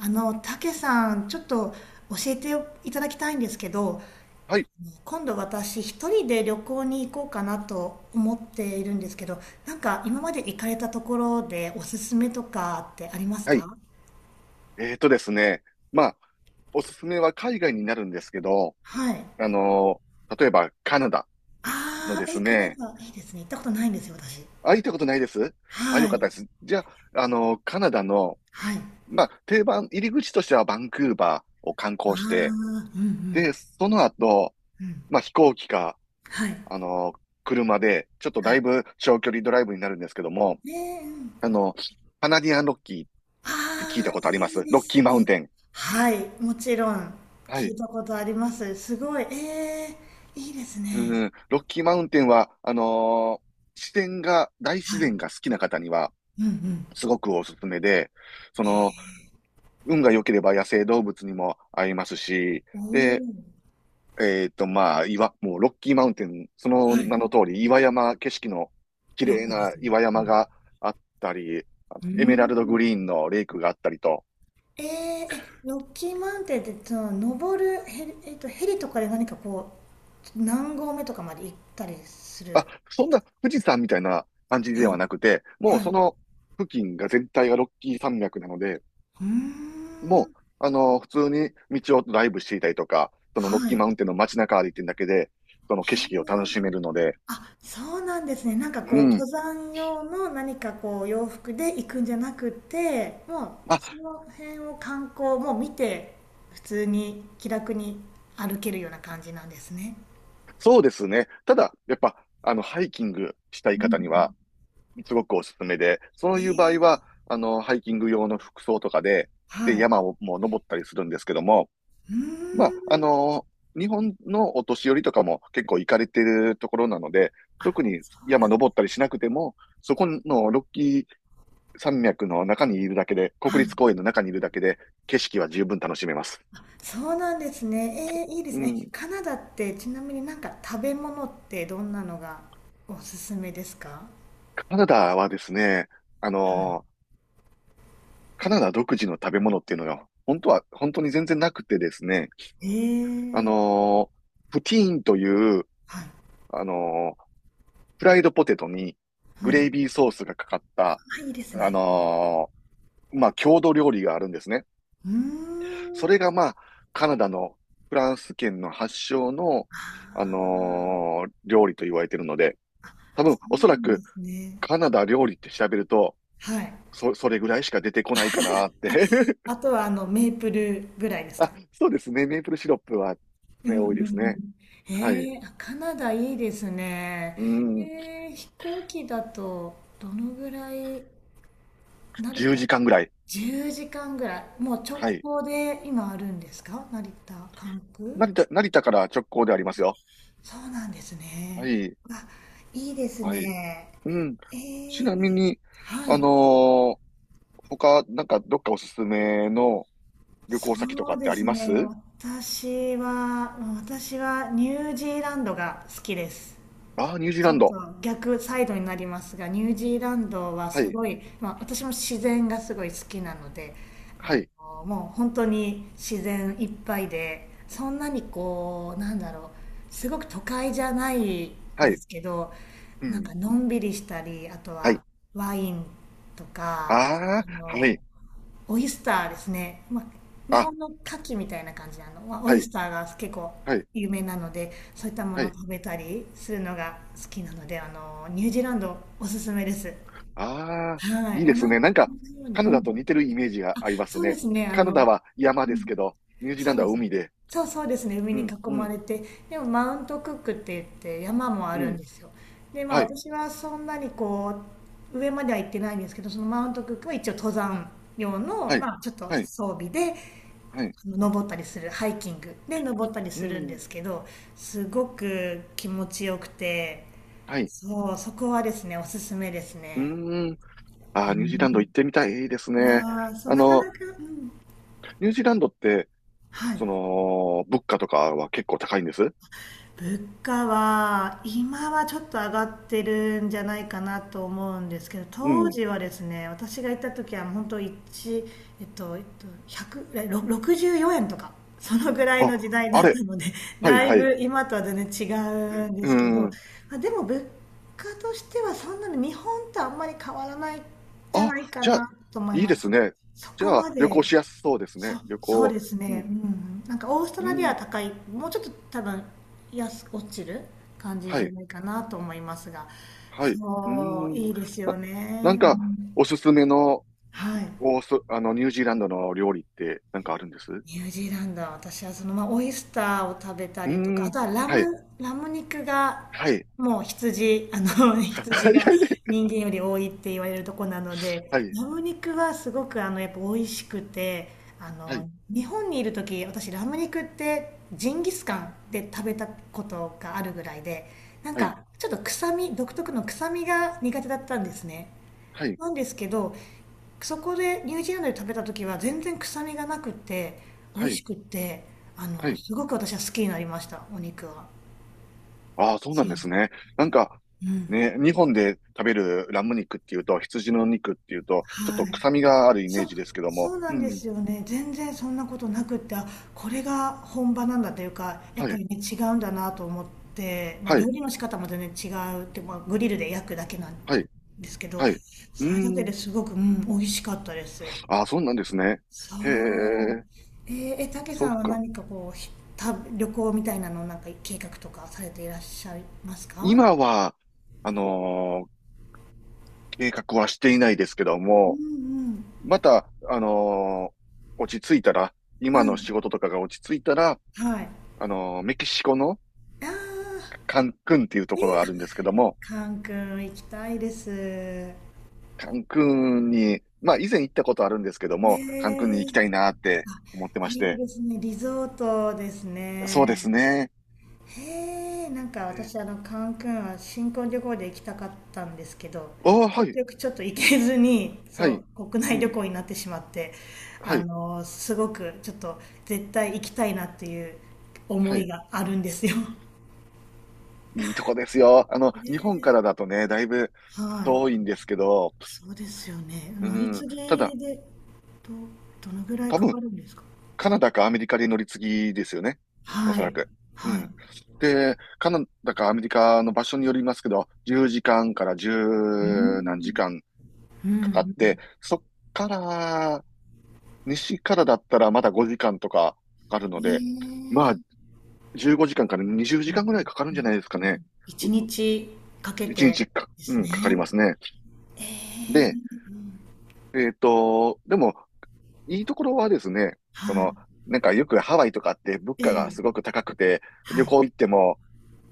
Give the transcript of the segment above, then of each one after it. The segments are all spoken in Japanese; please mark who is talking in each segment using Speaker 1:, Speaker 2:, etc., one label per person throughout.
Speaker 1: あの、たけさん、ちょっと教えていただきたいんですけど、
Speaker 2: はい、
Speaker 1: 今度私一人で旅行に行こうかなと思っているんですけど、なんか今まで行かれたところでおすすめとかってあります
Speaker 2: はい。
Speaker 1: か？
Speaker 2: えーとですね、まあ、おすすめは海外になるんですけど、
Speaker 1: はい。
Speaker 2: あの例えばカナダの
Speaker 1: ああ、
Speaker 2: です
Speaker 1: え、カナ
Speaker 2: ね。
Speaker 1: ダ、いいですね。行ったことないんですよ、私。
Speaker 2: あ、行ったことないです。あ、よ
Speaker 1: は
Speaker 2: かった
Speaker 1: い。
Speaker 2: です。じゃあ、カナダの、
Speaker 1: はい。あ
Speaker 2: まあ、定番、入り口としてはバンクーバーを観
Speaker 1: あ、
Speaker 2: 光して、
Speaker 1: うんうん。
Speaker 2: で、その後、
Speaker 1: うん。
Speaker 2: まあ、飛行機か、
Speaker 1: はい。は
Speaker 2: あのー車で、ちょっとだい
Speaker 1: い。
Speaker 2: ぶ長距離ドライブになるんですけども、
Speaker 1: ねえ、うん、
Speaker 2: あの、カナディアンロッキーって聞い
Speaker 1: あ
Speaker 2: た
Speaker 1: あ、
Speaker 2: ことありま
Speaker 1: いい
Speaker 2: す？
Speaker 1: で
Speaker 2: ロッ
Speaker 1: す
Speaker 2: キーマウン
Speaker 1: ね。
Speaker 2: テン。
Speaker 1: はい、もちろん
Speaker 2: は
Speaker 1: 聞
Speaker 2: い。
Speaker 1: いたことあります。すごい、ええ、いいですね。
Speaker 2: うん、ロッキーマウンテンは、自然が、大自
Speaker 1: はい。
Speaker 2: 然が好きな方には、
Speaker 1: うんうん。
Speaker 2: すごくおすすめで、その、運が良ければ野生動物にも会えますし、
Speaker 1: お
Speaker 2: で、
Speaker 1: お、
Speaker 2: まあ、もうロッキーマウンテン、その
Speaker 1: は
Speaker 2: 名
Speaker 1: い。
Speaker 2: の通り、岩山、景色の綺
Speaker 1: ロッ
Speaker 2: 麗
Speaker 1: クで
Speaker 2: な
Speaker 1: すね。
Speaker 2: 岩山があったり、あ、
Speaker 1: うん。
Speaker 2: エメ
Speaker 1: うー
Speaker 2: ラルドグ
Speaker 1: ん。
Speaker 2: リーンのレイクがあったりと、
Speaker 1: ええ、え、ロッキーマウンテンって、その、登るヘリとかで何かこう、何合目とかまで行ったりする？
Speaker 2: あ、そんな富士山みたいな感じで
Speaker 1: はい。
Speaker 2: はなくて、もう
Speaker 1: はい。
Speaker 2: そ
Speaker 1: う
Speaker 2: の付近が全体がロッキー山脈なので、
Speaker 1: ーん。
Speaker 2: もう、普通に道をドライブしていたりとか、そのロッ
Speaker 1: は
Speaker 2: キ
Speaker 1: い。
Speaker 2: ー
Speaker 1: へ
Speaker 2: マウンテンの街中歩いてるだけで、その景色を楽しめ
Speaker 1: え。
Speaker 2: るので、
Speaker 1: あ、そうなんですね。なんか
Speaker 2: う
Speaker 1: こう、登
Speaker 2: ん。
Speaker 1: 山用の何かこう、洋服で行くんじゃなくて、も
Speaker 2: あ、
Speaker 1: う、その辺を観光もう見て、普通に気楽に歩けるような感じなんですね。
Speaker 2: そうですね。ただ、やっぱ、ハイキングしたい
Speaker 1: うんうん、
Speaker 2: 方には、すごくおすすめで、そ
Speaker 1: え
Speaker 2: ういう場合
Speaker 1: ー、
Speaker 2: は、ハイキング用の服装とかで、
Speaker 1: は
Speaker 2: で、
Speaker 1: い。
Speaker 2: 山をもう登ったりするんですけども、
Speaker 1: うー
Speaker 2: まあ、
Speaker 1: ん、
Speaker 2: 日本のお年寄りとかも結構行かれてるところなので、特に
Speaker 1: そうな
Speaker 2: 山
Speaker 1: ん、
Speaker 2: 登ったりしなくても、そこのロッキー山脈の中にいるだけで、
Speaker 1: は
Speaker 2: 国
Speaker 1: い。
Speaker 2: 立公園の中にいるだけで、景色は十分楽しめます。
Speaker 1: そうなんですね。いいで
Speaker 2: う
Speaker 1: すね。
Speaker 2: ん。
Speaker 1: カナダってちなみになんか食べ物ってどんなのがおすすめですか？
Speaker 2: カナダはですね、あのーカナダ独自の食べ物っていうのが、本当は、本当に全然なくてですね、
Speaker 1: え
Speaker 2: あ
Speaker 1: ー、
Speaker 2: のプティーンという、
Speaker 1: はい。
Speaker 2: あのーフライドポテトに
Speaker 1: う
Speaker 2: グレイ
Speaker 1: ん。
Speaker 2: ビーソースがかかった、
Speaker 1: あ、いいです
Speaker 2: あ
Speaker 1: ね。
Speaker 2: のまあ、郷土料理があるんですね。
Speaker 1: うー
Speaker 2: そ
Speaker 1: ん。
Speaker 2: れがまあ、カナダのフランス圏の発祥の、
Speaker 1: ああ、
Speaker 2: 料理と言われているので、多
Speaker 1: そ
Speaker 2: 分、
Speaker 1: う
Speaker 2: お
Speaker 1: な
Speaker 2: そら
Speaker 1: んで
Speaker 2: く、
Speaker 1: すね。
Speaker 2: カナダ料理って調べると、
Speaker 1: はい。
Speaker 2: それぐらいしか出てこないかなって。
Speaker 1: あ とはあのメープルぐらいです
Speaker 2: あ、
Speaker 1: か？
Speaker 2: そうですね。メープルシロップは
Speaker 1: うんう
Speaker 2: ね、
Speaker 1: ん
Speaker 2: 多い
Speaker 1: う
Speaker 2: ですね。
Speaker 1: ん。
Speaker 2: はい。
Speaker 1: あ、カナダいいですね。
Speaker 2: うん、
Speaker 1: 飛行機だとどのぐらい？成
Speaker 2: 10
Speaker 1: 田？
Speaker 2: 時間ぐらい。
Speaker 1: 10 時間ぐらい。もう
Speaker 2: は
Speaker 1: 直
Speaker 2: い。
Speaker 1: 行で今あるんですか？成田、関空？
Speaker 2: 成田から直行でありますよ。
Speaker 1: そうなんです
Speaker 2: は
Speaker 1: ね。
Speaker 2: い。
Speaker 1: あ、いいです
Speaker 2: はい。
Speaker 1: ね。
Speaker 2: うん。
Speaker 1: え
Speaker 2: ちな
Speaker 1: ー、
Speaker 2: みに、
Speaker 1: は
Speaker 2: あの
Speaker 1: い。
Speaker 2: ー他、なんか、どっかおすすめの旅行先と
Speaker 1: そ
Speaker 2: か
Speaker 1: う
Speaker 2: って
Speaker 1: で
Speaker 2: あり
Speaker 1: す
Speaker 2: ま
Speaker 1: ね。
Speaker 2: す？
Speaker 1: 私はニュージーランドが好きです。
Speaker 2: ああー、ニュージー
Speaker 1: ち
Speaker 2: ラ
Speaker 1: ょ
Speaker 2: ン
Speaker 1: っと
Speaker 2: ド。
Speaker 1: 逆サイドになりますが、ニュージーランドは
Speaker 2: は
Speaker 1: す
Speaker 2: い。
Speaker 1: ごい、まあ、私も自然がすごい好きなので、あ
Speaker 2: はい。
Speaker 1: の、もう本当に自然いっぱいで、そんなにこう、なんだろう、すごく都会じゃない
Speaker 2: は
Speaker 1: で
Speaker 2: い。
Speaker 1: すけど、
Speaker 2: う
Speaker 1: なんか
Speaker 2: ん。
Speaker 1: のんびりしたり、あと
Speaker 2: はい。
Speaker 1: はワインとか、
Speaker 2: あ
Speaker 1: あ
Speaker 2: あ、は
Speaker 1: の、
Speaker 2: い。
Speaker 1: オイスターですね。まあ、日
Speaker 2: あ、
Speaker 1: 本の牡蠣みたいな感じなの、まあ、オ
Speaker 2: は
Speaker 1: イ
Speaker 2: い。
Speaker 1: スターが結構
Speaker 2: はい。
Speaker 1: 有名なので、そういったも
Speaker 2: は
Speaker 1: のを
Speaker 2: い。
Speaker 1: 食べたりするのが好きなので、あの、ニュージーランドおすすめです。
Speaker 2: ああ、
Speaker 1: は
Speaker 2: い
Speaker 1: い。
Speaker 2: い
Speaker 1: 同
Speaker 2: ですね。なんか、
Speaker 1: じように。
Speaker 2: カ
Speaker 1: う
Speaker 2: ナダと似
Speaker 1: ん。
Speaker 2: てるイメージがあります
Speaker 1: そうで
Speaker 2: ね。
Speaker 1: すね。あ
Speaker 2: カナダ
Speaker 1: の、
Speaker 2: は山
Speaker 1: う
Speaker 2: ですけ
Speaker 1: ん。
Speaker 2: ど、ニュージー
Speaker 1: そ
Speaker 2: ラ
Speaker 1: う
Speaker 2: ンド
Speaker 1: で
Speaker 2: は
Speaker 1: す。
Speaker 2: 海で。
Speaker 1: そうそうですね。海
Speaker 2: う
Speaker 1: に囲
Speaker 2: ん、う
Speaker 1: ま
Speaker 2: ん、
Speaker 1: れて。でも、マウントクックって言って山もあ
Speaker 2: う
Speaker 1: るん
Speaker 2: ん。
Speaker 1: ですよ。で、まあ
Speaker 2: はい、
Speaker 1: 私はそんなにこう、上までは行ってないんですけど、そのマウントクックは一応登山用の、
Speaker 2: はい、
Speaker 1: まあちょっと
Speaker 2: はい、
Speaker 1: 装備で、
Speaker 2: はい。
Speaker 1: 登ったりするハイキングで登ったり
Speaker 2: う
Speaker 1: するんで
Speaker 2: ん、
Speaker 1: すけど、すごく気持ちよくて、
Speaker 2: はい。
Speaker 1: そう、そこはですねおすすめです
Speaker 2: う
Speaker 1: ね。
Speaker 2: ーん。ああ、ニュージーランド行ってみたい。いいです
Speaker 1: いや
Speaker 2: ね。
Speaker 1: ー、そう
Speaker 2: あ
Speaker 1: なか
Speaker 2: の、
Speaker 1: なか、うん、
Speaker 2: ニュージーランドって、
Speaker 1: はい。
Speaker 2: 物価とかは結構高いんです？
Speaker 1: 物価は今はちょっと上がってるんじゃないかなと思うんですけど、
Speaker 2: う
Speaker 1: 当
Speaker 2: ん。
Speaker 1: 時はですね私が行った時は本当1、100えろ64円とかそのぐらい
Speaker 2: あ、
Speaker 1: の時代だ
Speaker 2: あ
Speaker 1: った
Speaker 2: れ。
Speaker 1: ので
Speaker 2: はい、
Speaker 1: だい
Speaker 2: はい。
Speaker 1: ぶ今とは全然違うんで
Speaker 2: う
Speaker 1: すけど、
Speaker 2: ん。
Speaker 1: まあ、でも物価としてはそんなに日本とあんまり変わらないんじゃ
Speaker 2: あ、
Speaker 1: ないか
Speaker 2: じゃあ、
Speaker 1: なと思い
Speaker 2: いいで
Speaker 1: ま
Speaker 2: す
Speaker 1: す。
Speaker 2: ね。
Speaker 1: そ
Speaker 2: じ
Speaker 1: こ
Speaker 2: ゃあ、
Speaker 1: ま
Speaker 2: 旅行
Speaker 1: で
Speaker 2: しやすそうです
Speaker 1: そ
Speaker 2: ね。旅
Speaker 1: そう
Speaker 2: 行。
Speaker 1: です
Speaker 2: う
Speaker 1: ね、
Speaker 2: ん、
Speaker 1: うん、なんかオースト
Speaker 2: う
Speaker 1: ラリア
Speaker 2: ん。
Speaker 1: は高い、もうちょっと多分安く落ちる感じ
Speaker 2: は
Speaker 1: じゃ
Speaker 2: い。
Speaker 1: ないかなと思いますが、
Speaker 2: はい。うー
Speaker 1: そう、
Speaker 2: ん。
Speaker 1: いいです
Speaker 2: な、
Speaker 1: よ
Speaker 2: なん
Speaker 1: ね。う
Speaker 2: か、
Speaker 1: ん、
Speaker 2: おすすめの、
Speaker 1: はい。
Speaker 2: おそ、あの、ニュージーランドの料理って、なんかあるんです？う
Speaker 1: ニュージーランドは私はそのまあオイスターを食べた
Speaker 2: ー
Speaker 1: りとか、あと
Speaker 2: ん。
Speaker 1: は
Speaker 2: はい。
Speaker 1: ラム肉が
Speaker 2: はい。
Speaker 1: もう羊、あの 羊
Speaker 2: はい。
Speaker 1: が人間より多いって言われるとこなので、
Speaker 2: はい。
Speaker 1: ラム肉はすごくあのやっぱ美味しくて、あ
Speaker 2: はい。
Speaker 1: の、日本にいる時私ラム肉ってジンギスカンで食べたことがあるぐらいで、なん
Speaker 2: はい。
Speaker 1: かちょっと臭み、独特の臭みが苦手だったんですね。
Speaker 2: はい。
Speaker 1: なんですけど、そこでニュージーランドで食べた時は全然臭みがなくて美
Speaker 2: は
Speaker 1: 味
Speaker 2: い。
Speaker 1: しくって、あ
Speaker 2: は
Speaker 1: の
Speaker 2: い。
Speaker 1: すごく私は好きになりました、お肉は。
Speaker 2: ああ、そうな
Speaker 1: そ
Speaker 2: ん
Speaker 1: う。
Speaker 2: ですね。なんか、
Speaker 1: うん、
Speaker 2: ね、日本で食べるラム肉っていうと、羊の肉っていうと、ちょっと
Speaker 1: はい。
Speaker 2: 臭みがあるイメ
Speaker 1: そ
Speaker 2: ー
Speaker 1: う
Speaker 2: ジですけど
Speaker 1: そ
Speaker 2: も。
Speaker 1: うな
Speaker 2: う
Speaker 1: んで
Speaker 2: ん。
Speaker 1: すよね。全然そんなことなくって、あ、これが本場なんだというかやっ
Speaker 2: は
Speaker 1: ぱ
Speaker 2: い。
Speaker 1: りね違うんだなと思って、まあ、
Speaker 2: は
Speaker 1: 料
Speaker 2: い。
Speaker 1: 理の仕方も全然違うって、まあ、グリルで焼くだけなん
Speaker 2: はい。
Speaker 1: ですけど、
Speaker 2: はい。う
Speaker 1: それだ
Speaker 2: ー
Speaker 1: けで
Speaker 2: ん。
Speaker 1: すごく、うん、美味しかったです。
Speaker 2: ああ、そうなんですね。
Speaker 1: そ
Speaker 2: へ
Speaker 1: う。
Speaker 2: え。
Speaker 1: え、たけ
Speaker 2: そ
Speaker 1: さ
Speaker 2: っ
Speaker 1: んは
Speaker 2: か。
Speaker 1: 何かこう、旅行みたいなのをなんか計画とかされていらっしゃいますか？
Speaker 2: 今は、あのー計画はしていないですけど
Speaker 1: う
Speaker 2: も、
Speaker 1: ん
Speaker 2: また、落ち着いたら、
Speaker 1: うん。
Speaker 2: 今
Speaker 1: う
Speaker 2: の仕
Speaker 1: ん。
Speaker 2: 事とかが落ち着いたら、
Speaker 1: はい。
Speaker 2: メキシコの
Speaker 1: ああ、
Speaker 2: カンクンっていうところ
Speaker 1: え、
Speaker 2: があるんですけども、
Speaker 1: カン君行きたいです。
Speaker 2: カンクンに、まあ以前行ったことあるんですけども、カンクンに
Speaker 1: ー
Speaker 2: 行きたいなって
Speaker 1: あ、
Speaker 2: 思ってまし
Speaker 1: いい
Speaker 2: て、
Speaker 1: ですね。リゾートです
Speaker 2: そうで
Speaker 1: ね。
Speaker 2: すね。
Speaker 1: へえ、なんか私あ
Speaker 2: え、
Speaker 1: のカンクンは新婚旅行で行きたかったんですけど、
Speaker 2: あ、は
Speaker 1: 結
Speaker 2: い。
Speaker 1: 局ちょっと
Speaker 2: う
Speaker 1: 行
Speaker 2: ん、
Speaker 1: けずに、
Speaker 2: は
Speaker 1: そ
Speaker 2: い。
Speaker 1: う、国
Speaker 2: う
Speaker 1: 内旅
Speaker 2: ん、
Speaker 1: 行になってしまって、
Speaker 2: は
Speaker 1: あ
Speaker 2: い。
Speaker 1: の、すごくちょっと絶対行きたいなっていう思
Speaker 2: は
Speaker 1: い
Speaker 2: い。
Speaker 1: があるんですよ。
Speaker 2: いいとこですよ。
Speaker 1: へ
Speaker 2: 日本か
Speaker 1: え、
Speaker 2: らだとね、だいぶ
Speaker 1: はい。
Speaker 2: 遠いんですけど、
Speaker 1: そうですよね。
Speaker 2: う
Speaker 1: 乗り継
Speaker 2: ん。
Speaker 1: ぎ
Speaker 2: ただ、
Speaker 1: で、ど、どのぐらい
Speaker 2: 多
Speaker 1: か
Speaker 2: 分、
Speaker 1: かるんですか？
Speaker 2: カナダかアメリカで乗り継ぎですよね。おそ
Speaker 1: は
Speaker 2: ら
Speaker 1: い。
Speaker 2: く。う
Speaker 1: はい。う
Speaker 2: ん。で、カナダかアメリカの場所によりますけど、10時間かんから
Speaker 1: ー
Speaker 2: 10何時
Speaker 1: ん。
Speaker 2: 間
Speaker 1: うんう
Speaker 2: かかっ
Speaker 1: ん。
Speaker 2: て、そっから、西からだったらまだ5時間とかかかるの
Speaker 1: へ
Speaker 2: で、まあ、
Speaker 1: え、
Speaker 2: 15時間かんから20
Speaker 1: う
Speaker 2: 時
Speaker 1: ん
Speaker 2: 間ぐらいかかるん
Speaker 1: う
Speaker 2: じ
Speaker 1: ん
Speaker 2: ゃないですか
Speaker 1: う
Speaker 2: ね。
Speaker 1: ん。一
Speaker 2: う
Speaker 1: 日かけ
Speaker 2: 1日
Speaker 1: て
Speaker 2: か、
Speaker 1: で
Speaker 2: う
Speaker 1: す
Speaker 2: ん、かかりま
Speaker 1: ね。
Speaker 2: すね。
Speaker 1: え
Speaker 2: で、
Speaker 1: え、
Speaker 2: でも、いいところはですね、
Speaker 1: はい。
Speaker 2: なんかよくハワイとかって物価が
Speaker 1: え
Speaker 2: すご
Speaker 1: え、
Speaker 2: く高くて、
Speaker 1: は
Speaker 2: 旅
Speaker 1: い。
Speaker 2: 行行っても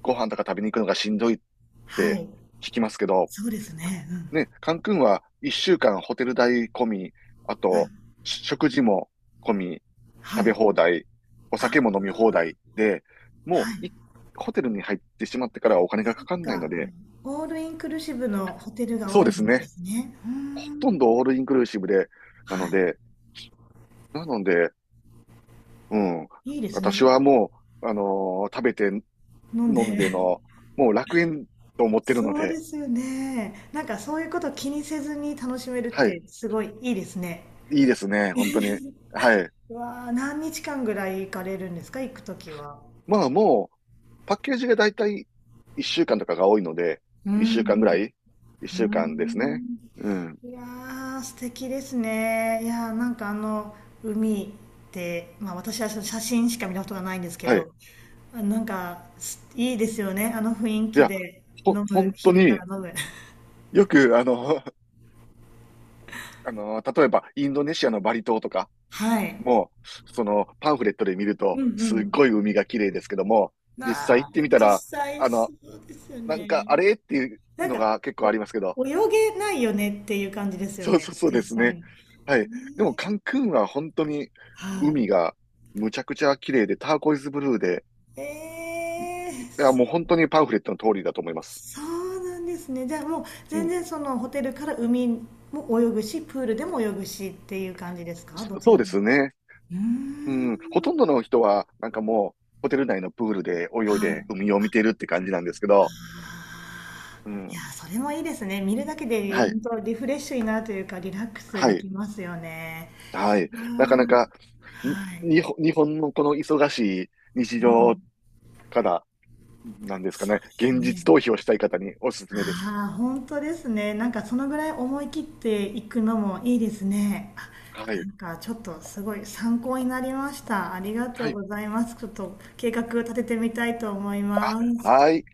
Speaker 2: ご飯とか食べに行くのがしんどいっ
Speaker 1: は
Speaker 2: て
Speaker 1: い。
Speaker 2: 聞きますけど、
Speaker 1: そうですね。うん。
Speaker 2: ね、カンクンは一週間ホテル代込み、あ
Speaker 1: は
Speaker 2: と
Speaker 1: い。
Speaker 2: 食事も込み、
Speaker 1: は
Speaker 2: 食べ
Speaker 1: い。
Speaker 2: 放題、お
Speaker 1: あ、
Speaker 2: 酒も飲み放題で、
Speaker 1: は
Speaker 2: も
Speaker 1: い。
Speaker 2: ういホテルに入ってしまってからはお金が
Speaker 1: そ
Speaker 2: か
Speaker 1: っ
Speaker 2: かんない
Speaker 1: か。あ
Speaker 2: の
Speaker 1: の
Speaker 2: で、
Speaker 1: オールインクルーシブのホテルが
Speaker 2: そう
Speaker 1: 多
Speaker 2: で
Speaker 1: い
Speaker 2: す
Speaker 1: んで
Speaker 2: ね。
Speaker 1: すね。うー
Speaker 2: ほとん
Speaker 1: ん。
Speaker 2: どオールインクルーシブで、なの
Speaker 1: は
Speaker 2: で、なので、うん、
Speaker 1: い。いいです
Speaker 2: 私
Speaker 1: ね。
Speaker 2: はもう、食べて
Speaker 1: 飲んで。
Speaker 2: 飲ん での、もう楽園と思ってるの
Speaker 1: そうで
Speaker 2: で、
Speaker 1: すよね。なんかそういうこと気にせずに楽しめるっ
Speaker 2: はい、
Speaker 1: てすごいいいですね。
Speaker 2: いいですね、本当に。はい。
Speaker 1: うわあ、何日間ぐらい行かれるんですか、行くときは？
Speaker 2: まあもう、パッケージがだいたい1週間とかが多いので、
Speaker 1: う
Speaker 2: 1週間ぐら
Speaker 1: ん。
Speaker 2: い ?1
Speaker 1: うー
Speaker 2: 週間ですね。
Speaker 1: ん、
Speaker 2: うん。
Speaker 1: いやー素敵ですね。いやー、なんかあの海ってまあ私はその写真しか見たことがないんですけ
Speaker 2: はい。
Speaker 1: ど、あ、なんかすいいですよね、あの雰囲
Speaker 2: い
Speaker 1: 気
Speaker 2: や、
Speaker 1: で。
Speaker 2: ほ、
Speaker 1: 飲む、
Speaker 2: 本当
Speaker 1: 昼から
Speaker 2: に
Speaker 1: 飲む。
Speaker 2: よく、例えばインドネシアのバリ島とか
Speaker 1: はい。
Speaker 2: も、そのパンフレットで見ると、
Speaker 1: うんう
Speaker 2: すっ
Speaker 1: ん。
Speaker 2: ごい海が綺麗ですけども、実際
Speaker 1: な
Speaker 2: 行
Speaker 1: あ、
Speaker 2: ってみた
Speaker 1: 実
Speaker 2: ら、
Speaker 1: 際
Speaker 2: あ
Speaker 1: そ
Speaker 2: の、
Speaker 1: うですよ
Speaker 2: なんか
Speaker 1: ね。
Speaker 2: あれっていう
Speaker 1: なん
Speaker 2: の
Speaker 1: か、
Speaker 2: が結構ありますけど、
Speaker 1: お、泳げないよねっていう感じですよ
Speaker 2: そう そう
Speaker 1: ね、
Speaker 2: そう
Speaker 1: 実
Speaker 2: です
Speaker 1: 際
Speaker 2: ね。
Speaker 1: に。ね
Speaker 2: はい。でもカ
Speaker 1: ー、
Speaker 2: ンクンは本当に
Speaker 1: はい。
Speaker 2: 海がむちゃくちゃ綺麗で、ターコイズブルーで、
Speaker 1: え
Speaker 2: いや、もう
Speaker 1: ー
Speaker 2: 本当にパンフレットの通りだと思います。
Speaker 1: そうなんですね。じゃあもう
Speaker 2: う
Speaker 1: 全
Speaker 2: ん。
Speaker 1: 然そのホテルから海も泳ぐし、プールでも泳ぐしっていう感じですか、どち
Speaker 2: そう
Speaker 1: ら
Speaker 2: で
Speaker 1: も？
Speaker 2: すね。
Speaker 1: うー
Speaker 2: う
Speaker 1: ん。
Speaker 2: ん。ほとんどの人は、なんかもう、ホテル内のプールで泳い
Speaker 1: はい。あ
Speaker 2: で海を見てるって感じなんですけど、う
Speaker 1: ー、いや
Speaker 2: ん。
Speaker 1: ー、それもいいですね。見るだけで
Speaker 2: はい。
Speaker 1: 本当リフレッシュになるというか、リラックス
Speaker 2: は
Speaker 1: で
Speaker 2: い。
Speaker 1: きますよね。
Speaker 2: はい。
Speaker 1: あ
Speaker 2: なかな
Speaker 1: ー、
Speaker 2: か、
Speaker 1: はい。
Speaker 2: 日本のこの忙しい日
Speaker 1: う
Speaker 2: 常
Speaker 1: ん。
Speaker 2: から、なんですか
Speaker 1: そ
Speaker 2: ね、
Speaker 1: うです
Speaker 2: 現実
Speaker 1: ね。
Speaker 2: 逃避をしたい方におすすめです。
Speaker 1: ああ、本当ですね。なんかそのぐらい思い切っていくのもいいですね。あ、
Speaker 2: は
Speaker 1: な
Speaker 2: い。
Speaker 1: んかちょっとすごい参考になりました。ありがと
Speaker 2: は
Speaker 1: う
Speaker 2: い。
Speaker 1: ございます。ちょっと計画立ててみたいと思います。
Speaker 2: はい。